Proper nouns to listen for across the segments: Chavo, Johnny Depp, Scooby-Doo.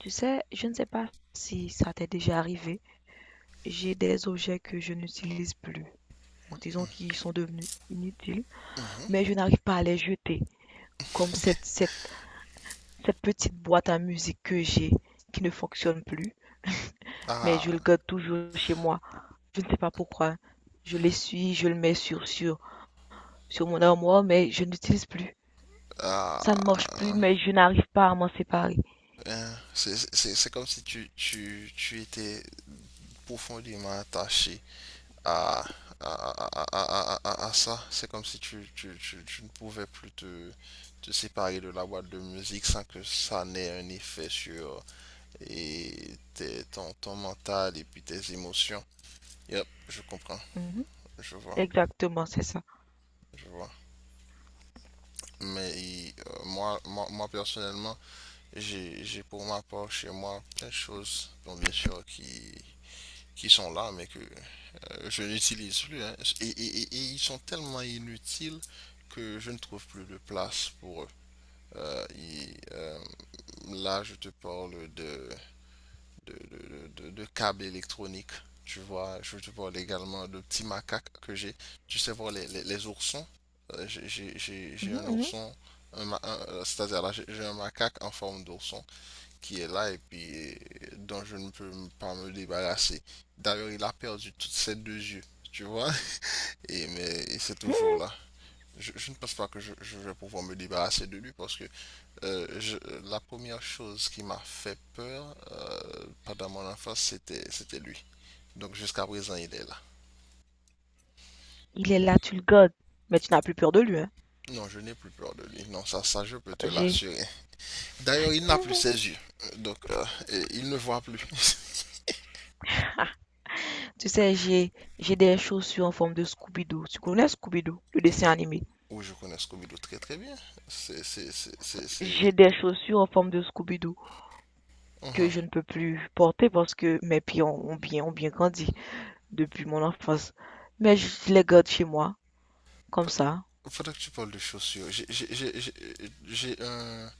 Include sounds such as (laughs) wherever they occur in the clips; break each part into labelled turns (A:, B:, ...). A: Tu sais, je ne sais pas si ça t'est déjà arrivé, j'ai des objets que je n'utilise plus, ou disons qui sont devenus inutiles,
B: Mhm.
A: mais je n'arrive pas à les jeter, comme cette petite boîte à musique que j'ai, qui ne fonctionne plus, mais je le
B: Ah,
A: garde toujours chez moi. Je ne sais pas pourquoi. Je l'essuie, je le mets sur mon armoire, mais je n'utilise plus. Ça ne marche plus,
B: ah,
A: mais je n'arrive pas à m'en séparer.
B: hein c'est comme si tu étais profondément attaché à, à ça. C'est comme si tu ne pouvais plus te séparer de la boîte de musique sans que ça n'ait un effet sur ton mental et puis tes émotions. Yep, je comprends,
A: Mhm,
B: je vois,
A: exactement, c'est ça.
B: je vois. Mais moi personnellement, j'ai pour ma part chez moi plein de choses, bon, bien sûr, qui sont là, mais que je n'utilise plus, hein. Et ils sont tellement inutiles que je ne trouve plus de place pour eux. Euh, et, euh, là, je te parle de câbles électroniques. Tu vois, je te parle également de petits macaques que j'ai. Tu sais, voir les oursons. J'ai
A: Mhm,
B: un
A: mhm.
B: ourson, c'est-à-dire là, j'ai un macaque en forme d'ourson qui est là et puis dont je ne peux pas me débarrasser. D'ailleurs, il a perdu toutes ses deux yeux, tu vois, et mais et c'est toujours
A: Mhm.
B: là. Je ne pense pas que je vais pouvoir me débarrasser de lui parce que la première chose qui m'a fait peur pendant mon enfance, c'était lui. Donc jusqu'à présent, il est là.
A: Il est là, tu le gardes, mais tu n'as plus peur de lui, hein.
B: Non, je n'ai plus peur de lui. Non, ça, je peux te
A: J'ai,
B: l'assurer. D'ailleurs, il n'a plus ses yeux. Donc, il ne voit plus. (laughs)
A: ah, tu sais, j'ai des chaussures en forme de Scooby-Doo. Tu connais Scooby-Doo, le dessin
B: Oui,
A: animé?
B: oui, je connais Scooby-Doo très très bien. C'est...
A: J'ai des chaussures en forme de Scooby-Doo que
B: Uhum.
A: je ne peux plus porter parce que mes pieds ont bien grandi depuis mon enfance. Mais je les garde chez moi, comme
B: Fa-
A: ça.
B: Faudrait que tu parles de chaussures. J'ai un,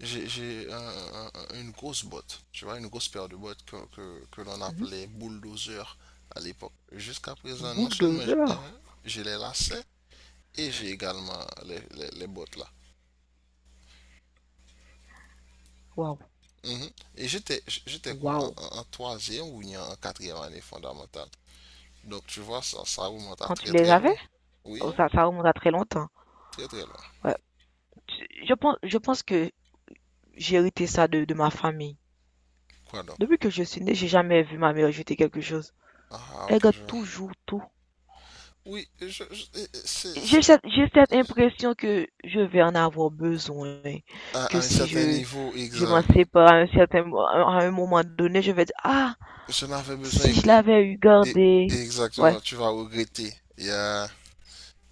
B: j'ai un- une grosse botte, tu vois, une grosse paire de bottes que l'on
A: Mhm.
B: appelait bulldozer à l'époque. Jusqu'à présent, non seulement j'ai,
A: Bulldozer.
B: hein, j'ai les lacets et j'ai également les bottes là.
A: Waouh,
B: Mhm. Et j'étais quoi,
A: waouh.
B: en troisième ou bien en quatrième année fondamentale. Donc tu vois, ça remonte à
A: Quand tu
B: très
A: les
B: très loin.
A: avais?
B: Oui,
A: Oh, ça remonte à très longtemps.
B: très très loin.
A: Ouais. Je pense que j'ai hérité ça de ma famille.
B: Quoi donc?
A: Depuis que je suis née, j'ai jamais vu ma mère jeter quelque chose.
B: Ah,
A: Elle
B: ok,
A: garde
B: je vois.
A: toujours tout.
B: Oui, c'est,
A: J'ai cette impression que je vais en avoir besoin, que
B: à un
A: si
B: certain
A: je,
B: niveau,
A: je m'en
B: exact.
A: sépare à un certain, à un moment donné, je vais dire, ah,
B: Je n'avais besoin,
A: si je l'avais eu
B: et-
A: gardé.
B: et
A: Ouais.
B: exactement, tu vas regretter.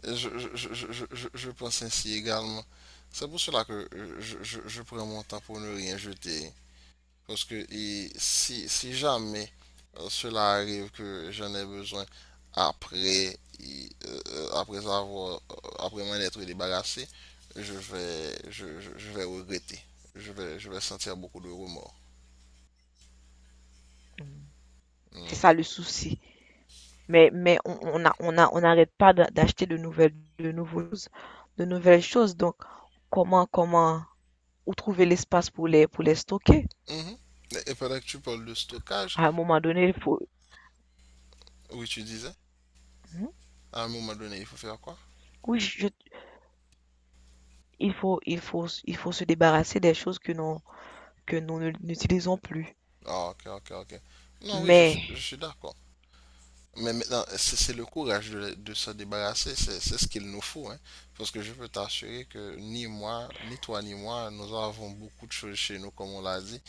B: je pense ainsi également. C'est pour cela que je prends mon temps pour ne rien jeter. Parce que et si, si jamais cela arrive que j'en ai besoin après, après avoir, après m'en être débarrassé, je vais regretter. Je vais sentir beaucoup de remords.
A: Mm. C'est
B: Hmm.
A: ça le souci. Mais, on n'arrête pas d'acheter de nouvelles choses. Donc, comment, comment, où trouver l'espace pour pour les stocker?
B: Mhm. Et pendant que tu parles de stockage,
A: À un moment donné, il faut...
B: oui, tu disais,
A: Mhm.
B: à un moment donné, il faut faire quoi?
A: oui, je- il faut, il faut se débarrasser des choses que nous ne- n'utilisons plus.
B: Ah, ok, ok, ok. Non, oui, je
A: Mais,
B: suis d'accord. Mais maintenant, c'est le courage de s'en débarrasser, c'est ce qu'il nous faut, hein. Parce que je peux t'assurer que ni moi, ni toi, ni moi, nous avons beaucoup de choses chez nous, comme on l'a dit,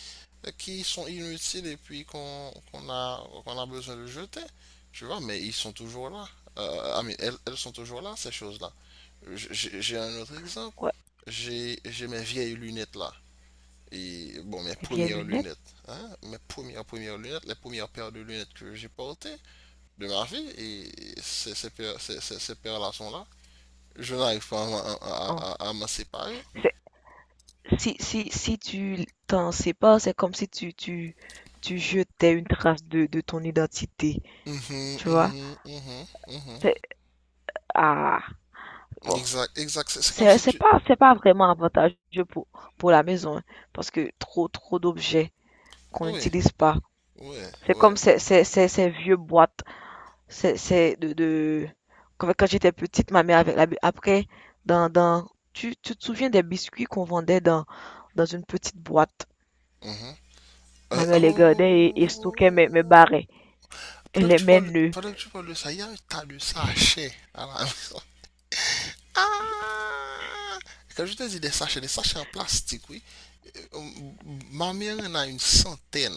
B: qui sont inutiles et puis qu'on a besoin de jeter, tu vois, mais ils sont toujours là. Mais elles, elles sont toujours là, ces choses-là. J'ai un autre exemple.
A: ouais,
B: J'ai mes vieilles lunettes là. Et bon, mes
A: les vieilles
B: premières
A: lunettes,
B: lunettes, hein, mes premières lunettes, les premières paires de lunettes que j'ai portées de ma vie et ces relations-là, je n'arrive pas à, à,
A: hein.
B: à, à m'en séparer.
A: C'est- Si, si tu t'en sais pas, c'est comme si tu jetais une trace de ton identité,
B: Mm mhm,
A: tu vois?
B: mm mhm.
A: C'est, ah, bon.
B: Exact, exact. C'est comme si tu...
A: C'est pas vraiment avantageux pour la maison, hein, parce que trop d'objets qu'on
B: Oui,
A: n'utilise pas.
B: oui,
A: C'est
B: oui.
A: comme ces vieux boîtes. C'est de... Quand, quand j'étais petite, ma mère avec la... Après, dans... Tu te souviens des biscuits qu'on vendait dans une petite boîte?
B: Mhm.
A: Ma
B: Oh,
A: mère les
B: oh,
A: gardait et stockait mes
B: oh, oh. oh, oh, oh, oh, oh, oh.
A: barrets.
B: Pendant
A: Elle
B: que tu
A: aimait
B: parles,
A: nœuds.
B: pendant que tu parles de ça, il y a un tas de sachets à la maison. (laughs) Ah! Quand je te dis des sachets en plastique, oui. Euh, ma mère en a une centaine.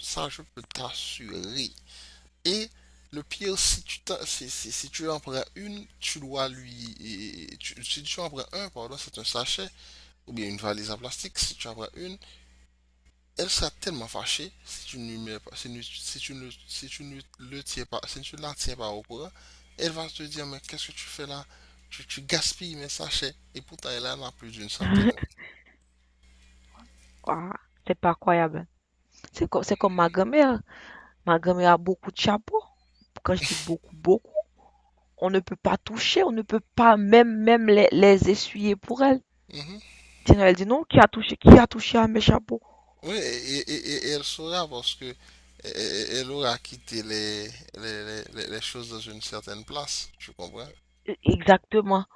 B: Ça, je peux t'assurer. Et le pire, si tu en prends une, tu dois lui. Si tu en prends un, pardon, c'est un sachet, ou bien une valise en plastique, si tu en prends une, elle sera tellement fâchée si tu ne le tiens pas, si tu ne la tiens pas au courant, elle va te dire, mais qu'est-ce que tu fais là? Tu gaspilles mes sachets. Et pourtant, elle en a plus d'une centaine, hein.
A: (laughs) Ouah, c'est pas croyable. C'est comme ma grand-mère. Ma grand-mère a beaucoup de chapeaux. Quand je dis beaucoup, on ne peut pas toucher, on ne peut pas même les essuyer pour elle.
B: Mhm.
A: Sinon, elle dit non, qui a touché à mes chapeaux?
B: Oui, et, et elle saura parce que elle aura quitté les choses dans une certaine place, tu comprends?
A: Exactement.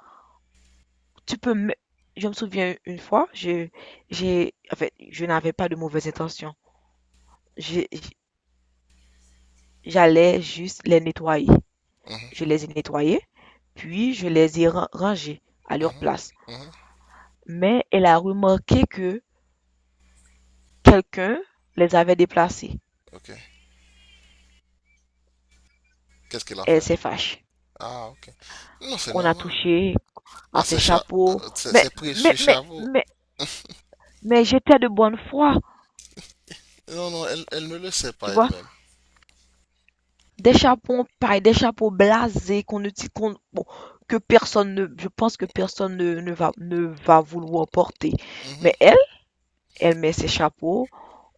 A: Tu peux me je me souviens une fois, je j'ai en fait, Je n'avais pas de mauvaises intentions. J'ai J'allais juste les nettoyer. Je
B: Mhm,
A: les ai nettoyés, puis je les ai rangés à leur
B: mhm,
A: place.
B: mhm,
A: Mais elle a remarqué que quelqu'un les avait déplacés.
B: ok. Qu'est-ce qu'elle a
A: Elle
B: fait?
A: s'est fâchée.
B: Ah, ok. Non, c'est
A: On a
B: normal.
A: touché
B: Ah,
A: à ses
B: c'est cha-
A: chapeaux.
B: euh, c'est
A: Mais,
B: c'est
A: mais,
B: précieux,
A: mais,
B: Chavo.
A: mais, mais j'étais de bonne foi,
B: Non, non, elle, elle ne le sait
A: tu
B: pas
A: vois.
B: elle-même.
A: Des chapeaux pareil des chapeaux blasés qu'on ne t- qu'on- bon, que personne ne, je pense que personne ne va vouloir porter.
B: Mhm,
A: Mais elle, elle met ses chapeaux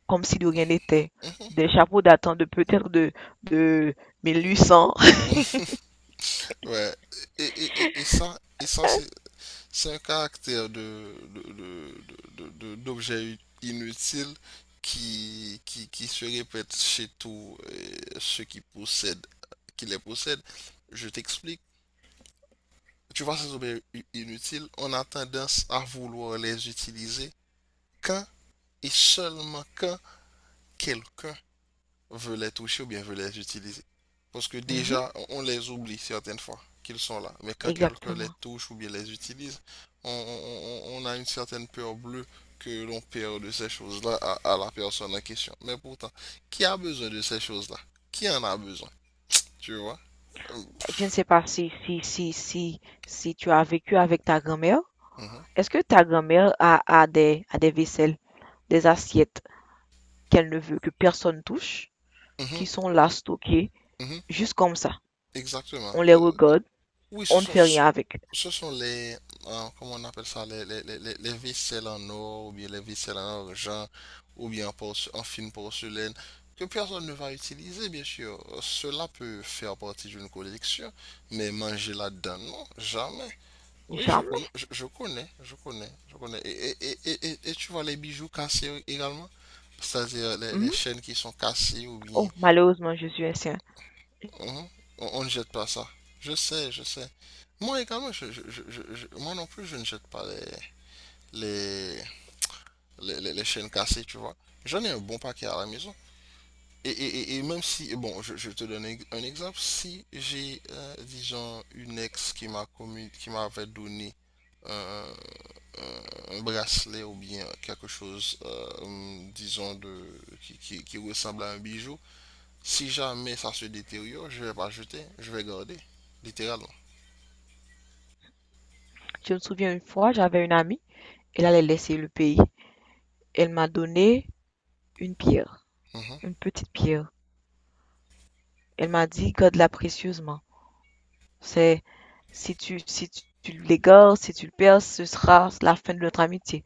A: comme si de rien n'était.
B: mhm,
A: Des chapeaux datant de peut-être de 1800.
B: mhm. (laughs) Ouais. Et ça c'est un caractère de d'objet inutile qui se répète chez tous ceux qui possèdent, qui les possèdent. Je t'explique. Tu vois, ces objets inutiles, on a tendance à vouloir les utiliser quand et seulement quand quelqu'un veut les toucher ou bien veut les utiliser. Parce que
A: Mhm,
B: déjà, on les oublie certaines fois qu'ils sont là. Mais quand quelqu'un les
A: exactement.
B: touche ou bien les utilise, on a une certaine peur bleue que l'on perd de ces choses-là à la personne en question. Mais pourtant, qui a besoin de ces choses-là? Qui en a besoin? Tu vois? Euh,
A: Je ne sais pas si tu as vécu avec ta grand-mère.
B: mhm,
A: Est-ce que ta grand-mère a des vaisselles, des assiettes qu'elle ne veut que personne touche,
B: mhm,
A: qui sont là stockées,
B: mhm,
A: juste comme ça?
B: exactement.
A: On les regarde,
B: Oui, ce
A: on ne
B: sont,
A: fait
B: ce
A: rien avec.
B: ce sont les, comment on appelle ça, les ficelles en or, ou bien les ficelles en argent, ou bien en, en fine porcelaine, que personne ne va utiliser, bien sûr. Cela peut faire partie d'une collection, mais manger là-dedans, non, jamais. Oui, je connais,
A: Jamais.
B: je connais. Et tu vois les bijoux cassés également? C'est-à-dire les
A: Mhm.
B: chaînes qui sont cassées, ou bien
A: Oh, malheureusement, je suis un sien.
B: Mhm. On ne jette pas ça. Je sais, je sais. Moi également, moi non plus, je ne jette pas les, les les chaînes cassées, tu vois. J'en ai un bon paquet à la maison. Et, et même si, bon, je te donne un exemple, si j'ai, disons, une ex qui qui m'avait donné un, un bracelet ou bien quelque chose, disons, de, qui ressemble à un bijou, si jamais ça se détériore, je vais pas jeter, je vais garder, littéralement.
A: Je me souviens une fois, j'avais une amie, elle allait laisser le pays. Elle m'a donné une pierre,
B: Mhm.
A: une petite pierre. Elle m'a dit, garde-la précieusement. C'est, si tu, si tu, tu l'égares, si tu le perds, ce sera la fin de notre amitié.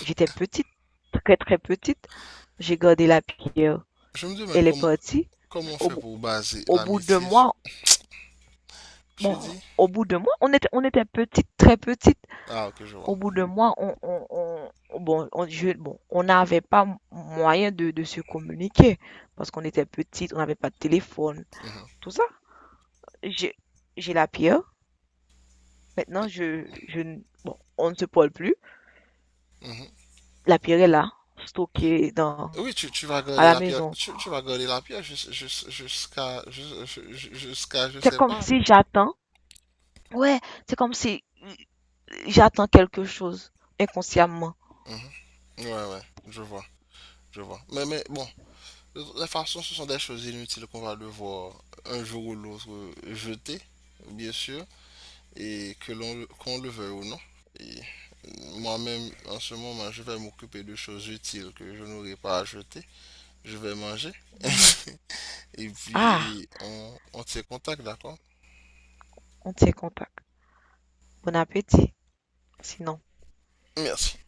A: J'étais petite, très très petite. J'ai gardé la pierre.
B: Je me demande
A: Elle est
B: comment,
A: partie.
B: comment on
A: Au,
B: fait
A: bout-
B: pour baser
A: au bout de
B: l'amitié sur...
A: moi,
B: Tu dis?
A: Au bout de moi, on était petite, très petite.
B: Ah, ok, je vois.
A: Au bout d'un mois, bon, bon, on n'avait pas moyen de se communiquer parce qu'on était petite, on n'avait pas de téléphone,
B: Mhm,
A: tout ça. J'ai, j'ai la pierre. Maintenant, bon, on ne se parle plus.
B: mhm.
A: La pierre est là, stockée dans,
B: Oui, tu vas
A: à
B: garder
A: la
B: la pierre,
A: maison.
B: tu vas garder la pierre jusqu'à, je
A: C'est
B: sais
A: comme
B: pas.
A: si j'attends. Ouais, c'est comme si j'attends quelque chose inconsciemment.
B: Mhm. Ouais, ouais, je vois, je vois. Mais bon, de toute façon, ce sont des choses inutiles qu'on va devoir un jour ou l'autre jeter, bien sûr. Et que l'on qu'on le veuille ou non. Et moi-même, en ce moment, je vais m'occuper de choses utiles que je n'aurai pas à jeter. Je vais manger. (laughs)
A: Mhm.
B: Et
A: Ah,
B: puis, on se contacte d'accord?
A: on tient contact. Bon appétit, sinon.
B: Merci.